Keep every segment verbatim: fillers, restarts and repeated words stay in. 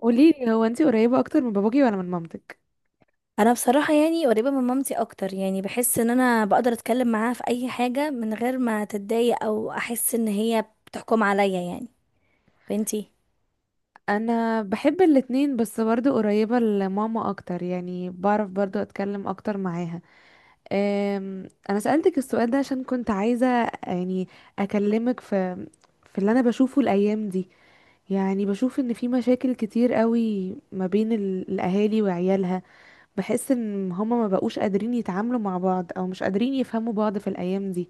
قولي لي، هو انتي قريبة اكتر من باباكي ولا من مامتك؟ انا بصراحه يعني قريبه من مامتي اكتر، يعني بحس ان انا بقدر اتكلم معاها في اي حاجه من غير ما تتضايق او احس ان هي بتحكم عليا يعني. وانتي؟ انا بحب الاتنين، بس برضو قريبة لماما اكتر، يعني بعرف برضو اتكلم اكتر معاها. أم، انا سألتك السؤال ده عشان كنت عايزة، يعني، اكلمك في في اللي انا بشوفه الايام دي. يعني بشوف ان في مشاكل كتير قوي ما بين ال- الاهالي وعيالها. بحس ان هما ما بقوش قادرين يتعاملوا مع بعض، او مش قادرين يفهموا بعض في الايام دي.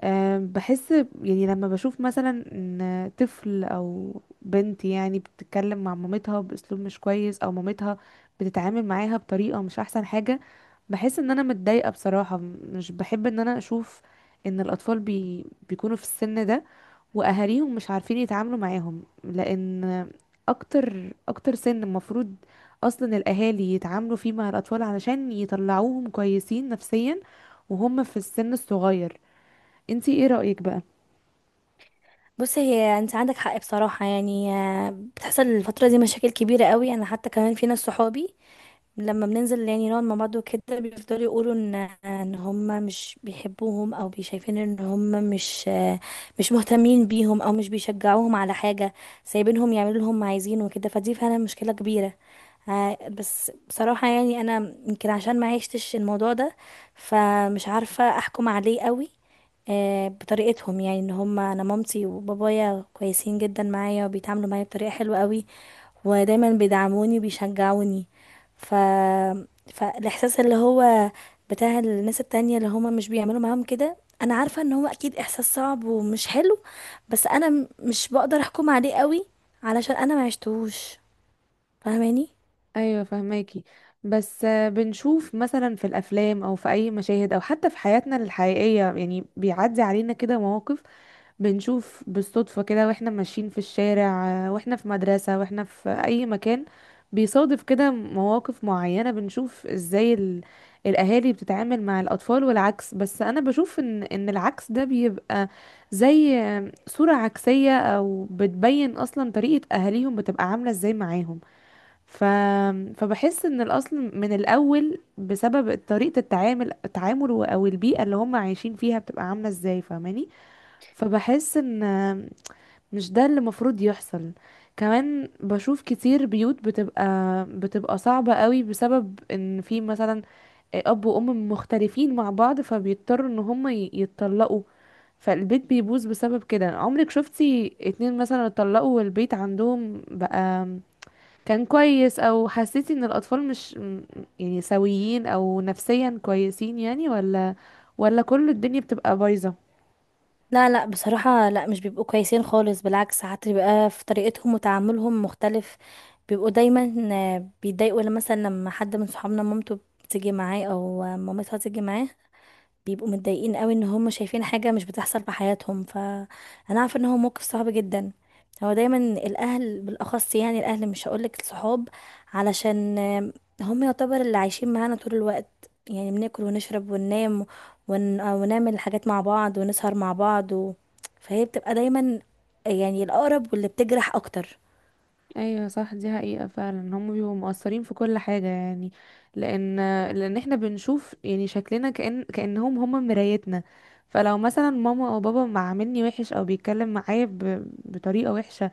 أه بحس يعني لما بشوف مثلا ان طفل او بنت يعني بتتكلم مع مامتها باسلوب مش كويس، او مامتها بتتعامل معاها بطريقة مش احسن حاجة. بحس ان انا متضايقة بصراحة. مش بحب ان انا اشوف ان الاطفال بي بيكونوا في السن ده واهاليهم مش عارفين يتعاملوا معاهم، لان اكتر اكتر سن المفروض اصلا الاهالي يتعاملوا فيه مع الاطفال، علشان يطلعوهم كويسين نفسيا وهم في السن الصغير. انتي ايه رأيك بقى؟ بصي، هي انت عندك حق بصراحه، يعني آه، بتحصل الفتره دي مشاكل كبيره قوي. انا حتى كمان في ناس صحابي لما بننزل يعني نقعد مع بعض وكده، بيفضلوا يقولوا ان ان هم مش بيحبوهم، او بيشايفين ان هم مش آه، مش مهتمين بيهم، او مش بيشجعوهم على حاجه، سايبينهم يعملوا اللي هم عايزينه وكده. فدي فعلا مشكله كبيره. ها- بس بصراحة يعني أنا يمكن عشان ما عشتش الموضوع ده، فمش عارفة أحكم عليه قوي. آه، بطريقتهم يعني ان هم، انا مامتي وبابايا كويسين جدا معايا، وبيتعاملوا معايا بطريقة حلوة قوي، ودايما بيدعموني وبيشجعوني. ف فالاحساس اللي هو بتاع الناس التانية اللي هم مش بيعملوا معاهم كده، انا عارفة ان هو اكيد احساس صعب ومش حلو. بس انا م- مش بقدر احكم عليه قوي علشان انا ما عشتهوش، فاهماني؟ ايوه، فهماكي. بس آه، بنشوف مثلا في الافلام او في اي مشاهد، او حتى في حياتنا الحقيقيه، يعني بيعدي علينا كده مواقف بنشوف بالصدفه، كده واحنا ماشيين في الشارع، آه، واحنا في مدرسه، واحنا في اي مكان بيصادف كده مواقف معينه، بنشوف ازاي ال... الاهالي بتتعامل مع الاطفال والعكس. بس انا بشوف ان ان العكس ده بيبقى زي آه، صوره عكسيه، او بتبين اصلا طريقه اهاليهم بتبقى عامله ازاي معاهم. ف... فبحس ان الاصل من الاول بسبب طريقه التعامل التعامل و- او البيئه اللي هم عايشين فيها بتبقى عامله ازاي، فاهماني؟ فبحس ان مش ده اللي المفروض يحصل. كمان بشوف كتير بيوت بتبقى بتبقى صعبه قوي، بسبب ان في مثلا اب وام مختلفين مع بعض فبيضطروا ان هم ي- يتطلقوا، فالبيت بيبوظ بسبب كده. عمرك شفتي اتنين مثلا اتطلقوا والبيت عندهم بقى كان كويس؟ او حسيتي ان الاطفال مش م- يعني سويين او نفسيا كويسين، يعني؟ ولا ولا كل الدنيا بتبقى بايظة؟ لا لا، بصراحة لا، مش بيبقوا كويسين خالص. بالعكس، ساعات بيبقى في طريقتهم وتعاملهم مختلف. بيبقوا دايما آه، بيتضايقوا لما مثلا لما حد من صحابنا مامته بتيجي معاه، او آه، مامتها تيجي معاه، بيبقوا متضايقين قوي ان هم شايفين حاجة مش بتحصل في حياتهم. فانا عارفة ان هو موقف صعب جدا. هو دايما الاهل بالاخص، يعني الاهل مش هقولك الصحاب، علشان آم، هم يعتبر اللي عايشين معانا طول الوقت. يعني بناكل ونشرب وننام، ون... ونعمل حاجات مع بعض، ونسهر مع بعض و... فهي بتبقى دايما يعني الاقرب واللي بتجرح اكتر. ايوه صح، دي حقيقة فعلا، هم بيبقوا مؤثرين في كل حاجة يعني. لان لان احنا بنشوف يعني شكلنا كأن كأنهم هم مرايتنا. فلو مثلا ماما او بابا ما عاملني وحش، او بيتكلم معايا ب... بطريقة وحشة،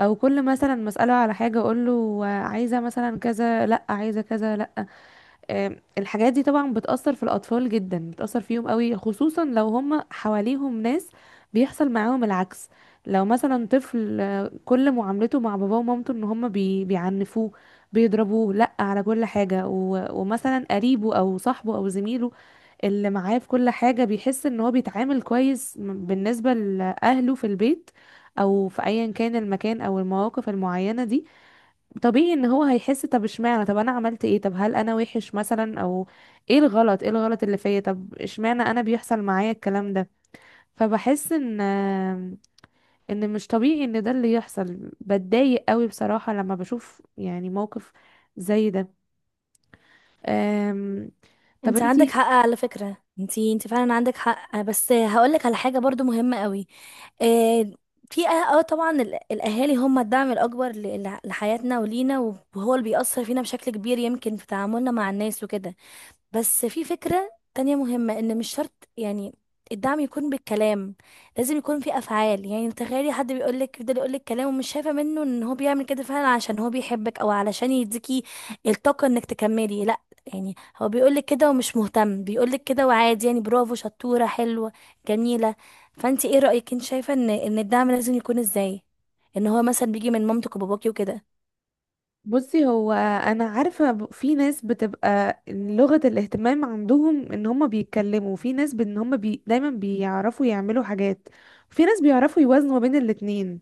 او كل مثلا مسأله على حاجة اقول له عايزة مثلا كذا، لا، عايزة كذا، لا. آم، الحاجات دي طبعا بتأثر في الأطفال جدا، بتأثر فيهم قوي، خصوصا لو هم حواليهم ناس بيحصل معاهم العكس. لو مثلا طفل، آه، كل معاملته مع باباه ومامته ان هم بي بيعنفوه، بيضربوه لا على كل حاجة، و- ومثلا قريبه او صاحبه او زميله اللي معاه في كل حاجة بيحس ان هو بيتعامل كويس م- بالنسبة لأهله في البيت، او في ايا كان المكان او المواقف المعينة دي، طبيعي ان هو هيحس، طب اشمعنى؟ طب انا عملت ايه؟ طب هل انا وحش مثلا؟ او ايه الغلط، ايه الغلط اللي فيا؟ طب اشمعنى انا بيحصل معايا الكلام ده؟ فبحس ان ان مش طبيعي ان ده اللي يحصل. بتضايق قوي بصراحة لما بشوف يعني موقف زي ده. أم، طب انت عندك انتي؟ حق على فكرة، انت انت فعلا عندك حق. بس هقولك على حاجة برضو مهمة قوي. آه، في اه آه طبعا ال- الاهالي هم الدعم الاكبر ل- ل- لحياتنا ولينا، وهو اللي بيأثر فينا بشكل كبير يمكن في تعاملنا مع الناس وكده. بس في فكرة تانية مهمة، ان مش شرط يعني الدعم يكون بالكلام، لازم يكون في افعال. يعني تخيلي حد بيقولك، يفضل يقولك كلام ومش شايفة منه ان هو بيعمل كده فعلا عشان هو بيحبك، او علشان يديكي الطاقة انك تكملي. لا، يعني هو بيقولك كده ومش مهتم، بيقولك كده وعادي، يعني برافو، شطورة، حلوة، جميلة. فانتي ايه رأيك؟ انت شايفة ان ان الدعم لازم يكون ازاي؟ ان هو مثلا بيجي من مامتك وباباكي وكده. بصي، هو انا عارفة ب- في ناس بتبقى لغة الاهتمام عندهم ان هما بيتكلموا، في ناس بان هما بي دايما بيعرفوا يعملوا حاجات، في ناس بيعرفوا يوازنوا ما بين الاتنين.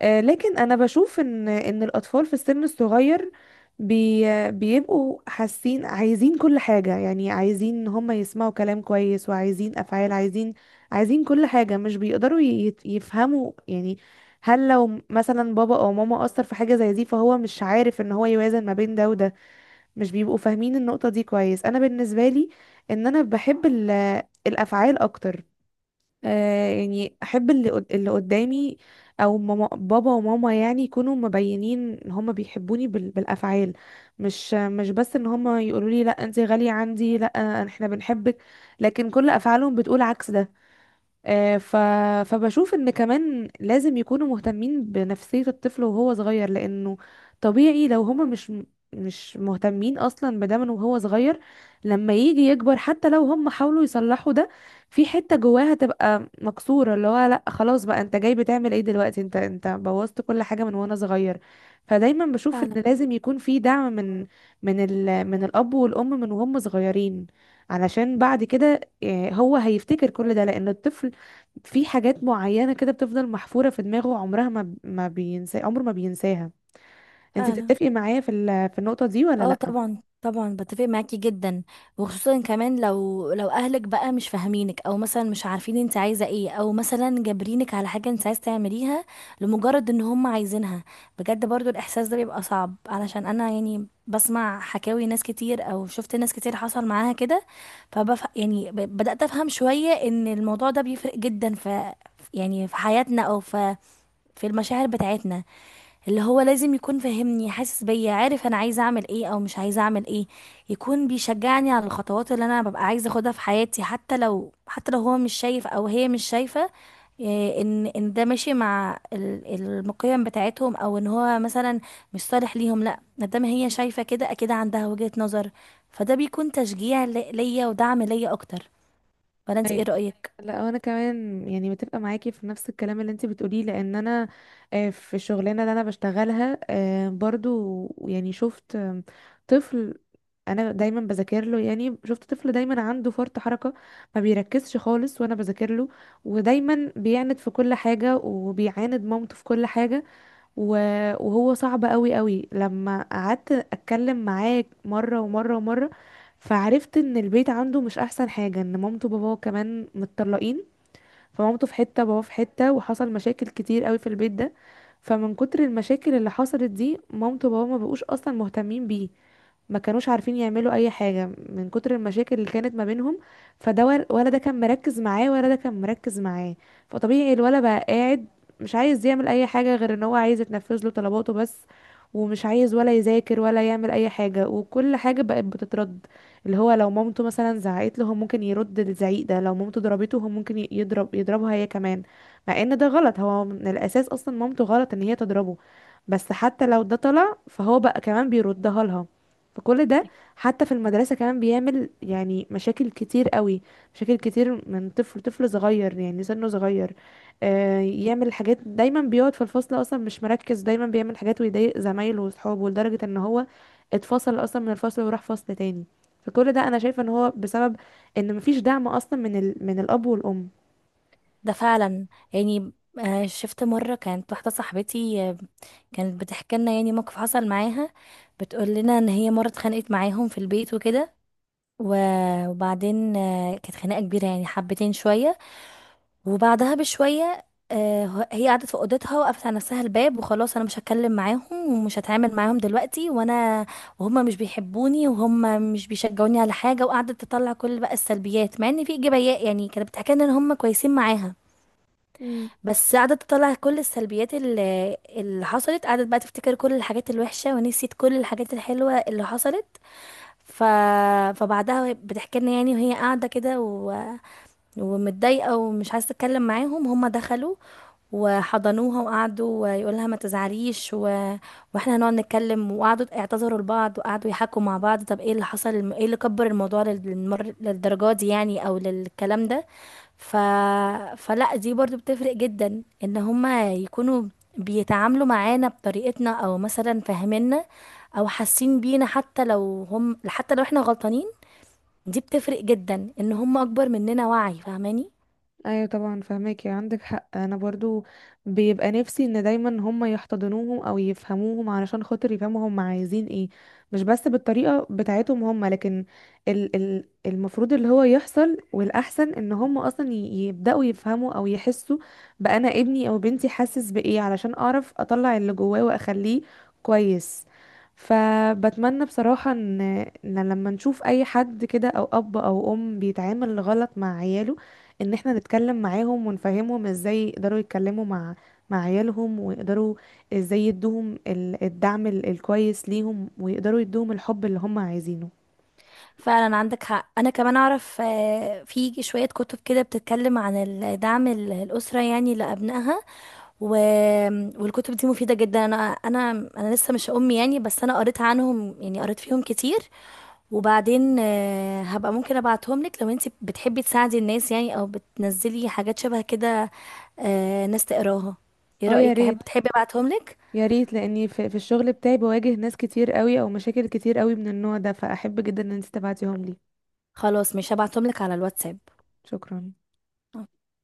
آه، لكن انا بشوف ان ان الاطفال في السن الصغير بي بيبقوا حاسين عايزين كل حاجة، يعني عايزين ان هم يسمعوا كلام كويس، وعايزين افعال، عايزين عايزين كل حاجة، مش بيقدروا ي- يفهموا يعني. هل لو مثلا بابا او ماما اثر في حاجة زي دي، فهو مش عارف ان هو يوازن ما بين ده وده؟ مش بيبقوا فاهمين النقطة دي كويس. انا بالنسبة لي، ان انا بحب ال- الافعال اكتر. آه يعني احب اللي قد- اللي قدامي، او ماما، بابا وماما، يعني يكونوا مبينين ان هما بيحبوني بال- بالافعال. مش مش بس ان هما يقولوا لي لا انت غالية عندي، لا احنا بنحبك، لكن كل افعالهم بتقول عكس ده. آه، ف... فبشوف ان كمان لازم يكونوا مهتمين بنفسية الطفل وهو صغير، لانه طبيعي لو هما مش مش مهتمين اصلا بده من وهو صغير، لما يجي يكبر حتى لو هم حاولوا يصلحوا ده، في حتة جواها تبقى مكسورة، اللي هو لا خلاص بقى، انت جاي بتعمل ايه دلوقتي؟ انت انت بوظت كل حاجة من وانا صغير. فدايما بشوف فعلا. ان لازم يكون في دعم من من ال... من الاب والام من وهم صغيرين، علشان بعد كده آه، هو هيفتكر كل ده، لان الطفل في حاجات معينة كده بتفضل محفورة في دماغه، عمرها ما ما بينسى، عمره ما بينساها. انت فعلا. بتتفقي معايا في ال- في النقطة دي ولا اه، لا؟ طبعا طبعا بتفق معاكي جدا. وخصوصا كمان لو لو اهلك بقى مش فاهمينك، او مثلا مش عارفين انت عايزه ايه، او مثلا جابرينك على حاجه انت عايز تعمليها لمجرد ان هم عايزينها. بجد برضو الاحساس ده بيبقى صعب علشان انا يعني بسمع حكاوي ناس كتير، او شفت ناس كتير حصل معاها كده. فبف يعني ب- بدأت افهم شويه ان الموضوع ده بيفرق جدا في، يعني في حياتنا، او في في المشاعر بتاعتنا. اللي هو لازم يكون فاهمني، حاسس بيا، عارف انا عايزه اعمل ايه او مش عايزه اعمل ايه، يكون بيشجعني على الخطوات اللي انا ببقى عايزه اخدها في حياتي، حتى لو حتى لو هو مش شايف او هي مش شايفه. إيه، ان ان ده ماشي مع ال- المقيم بتاعتهم، او ان هو مثلا مش صالح ليهم. لا، ما دام هي شايفه كده، اكيد عندها وجهة نظر. فده بيكون تشجيع لي- ليا ودعم ليا اكتر. ولا انت ايه أي- رأيك؟ لا، انا كمان يعني متفقة معاكي في نفس الكلام اللي انت بتقوليه، لان انا آه، في الشغلانة اللي انا بشتغلها، آه، برضو يعني شفت، آم، طفل، انا دايما بذاكر له، يعني شفت طفل دايما عنده فرط حركة، ما بيركزش خالص وانا بذاكر له، ودايما بيعند في كل حاجة، وبيعاند مامته في كل حاجة. و- وهو صعب قوي قوي. لما قعدت اتكلم معاه مره ومره ومره، فعرفت ان البيت عنده مش احسن حاجه، ان مامته وباباه كمان متطلقين، فمامته في حته وباباه في حته، وحصل مشاكل كتير قوي في البيت ده. فمن كتر المشاكل اللي حصلت دي، مامته وباباه ما بقوش اصلا مهتمين بيه، ما كانوش عارفين يعملوا اي حاجة من كتر المشاكل اللي كانت ما بينهم. فده ور- ولا ده كان مركز معاه ولا ده كان مركز معاه. فطبيعي الولد بقى قاعد مش عايز يعمل اي حاجة، غير ان هو عايز يتنفذ له طلباته بس، ومش عايز ولا يذاكر ولا يعمل اي حاجة، وكل حاجة بقت بتترد. اللي هو لو مامته مثلا زعقت له، هو ممكن يرد الزعيق ده، لو مامته ضربته هو ممكن ي- يضرب يضربها هي كمان. مع ان ده غلط، هو من الاساس اصلا مامته غلط ان هي تضربه، بس حتى لو ده طلع فهو بقى كمان بيردها لها. فكل ده، حتى في المدرسة كمان بيعمل يعني مشاكل كتير قوي، مشاكل كتير من طفل، طفل صغير يعني سنه صغير. آه يعمل حاجات، دايما بيقعد في الفصل اصلا مش مركز، دايما بيعمل حاجات ويضايق زمايله واصحابه لدرجة ان هو اتفصل اصلا من الفصل وراح فصل تاني. فكل ده انا شايفة ان هو بسبب ان مفيش دعم اصلا من ال... من الاب والام. ده فعلا. يعني آه، شفت مرة كانت واحدة صاحبتي، آه، كانت بتحكي لنا يعني موقف حصل معاها. بتقول لنا ان هي مرة اتخانقت معاهم في البيت وكده، و- وبعدين آه، كانت خناقة كبيرة يعني، حبتين شوية. وبعدها بشوية آه، ه- هي قعدت في اوضتها، وقفت على نفسها الباب، وخلاص انا مش هتكلم معاهم ومش هتعامل معاهم دلوقتي، وانا وهم مش بيحبوني، وهم مش بيشجعوني على حاجة. وقعدت تطلع كل بقى السلبيات، مع ان في ايجابيات، يعني كانت بتحكي لنا ان هم كويسين معاها، بس قعدت تطلع كل السلبيات اللي, اللي حصلت. قعدت بقى تفتكر كل الحاجات الوحشة، ونسيت كل الحاجات الحلوة اللي حصلت. ف... فبعدها، وهي بتحكي لنا يعني، وهي قاعدة كده، ومتضايقة، ومش عايزة اتكلم معاهم، هما دخلوا وحضنوها، وقعدوا يقول لها ما تزعليش و... واحنا هنقعد نتكلم. وقعدوا اعتذروا لبعض، وقعدوا يحكوا مع بعض، طب ايه اللي حصل، الم- ايه اللي كبر الموضوع لل- للمر... للدرجة دي يعني، او للكلام ده. ف... فلا، دي برضو بتفرق جدا، ان هما يكونوا بيتعاملوا معانا بطريقتنا او مثلا فاهميننا، او حاسين بينا، حتى لو هم حتى لو احنا غلطانين. دي بتفرق جدا ان هم اكبر مننا وعي، فاهماني؟ ايوه طبعا فهماكي، عندك حق. انا برضو بيبقى نفسي ان دايما هم يحتضنوهم او يفهموهم، علشان خاطر يفهموا هم عايزين ايه، مش بس بالطريقه بتاعتهم هم، لكن ال ال المفروض اللي هو يحصل والاحسن ان هم اصلا ي- يبداوا يفهموا او يحسوا بانا ابني او بنتي حاسس بايه، علشان اعرف اطلع اللي جواه واخليه كويس. فبتمنى بصراحة ان إن لما نشوف اي حد كده، او اب او ام بيتعامل غلط مع عياله، ان احنا نتكلم معاهم ونفهمهم ازاي يقدروا يتكلموا مع مع عيالهم، ويقدروا ازاي يدوهم ال- الدعم ال- الكويس ليهم، ويقدروا يدوهم الحب اللي هم عايزينه. فعلا عندك حق. انا كمان اعرف، آه، في شوية كتب كده بتتكلم عن ال- دعم ال- الأسرة يعني لأبنائها و... والكتب دي مفيدة جدا. انا انا انا لسه مش ام يعني، بس انا قريت عنهم يعني، قريت فيهم كتير. وبعدين آه، هبقى ممكن ابعتهم لك لو انت بتحبي تساعدي الناس يعني، او بتنزلي حاجات شبه كده، آه، ناس تقراها. ايه اه يا رأيك؟ ريت، احب تحبي ابعتهم لك؟ يا ريت، لاني في, في الشغل بتاعي بواجه ناس كتير قوي او مشاكل كتير قوي من النوع ده، فاحب جدا ان انت تبعتيهم لي. خلاص، مش هبعتهم لك على الواتساب. شكرا.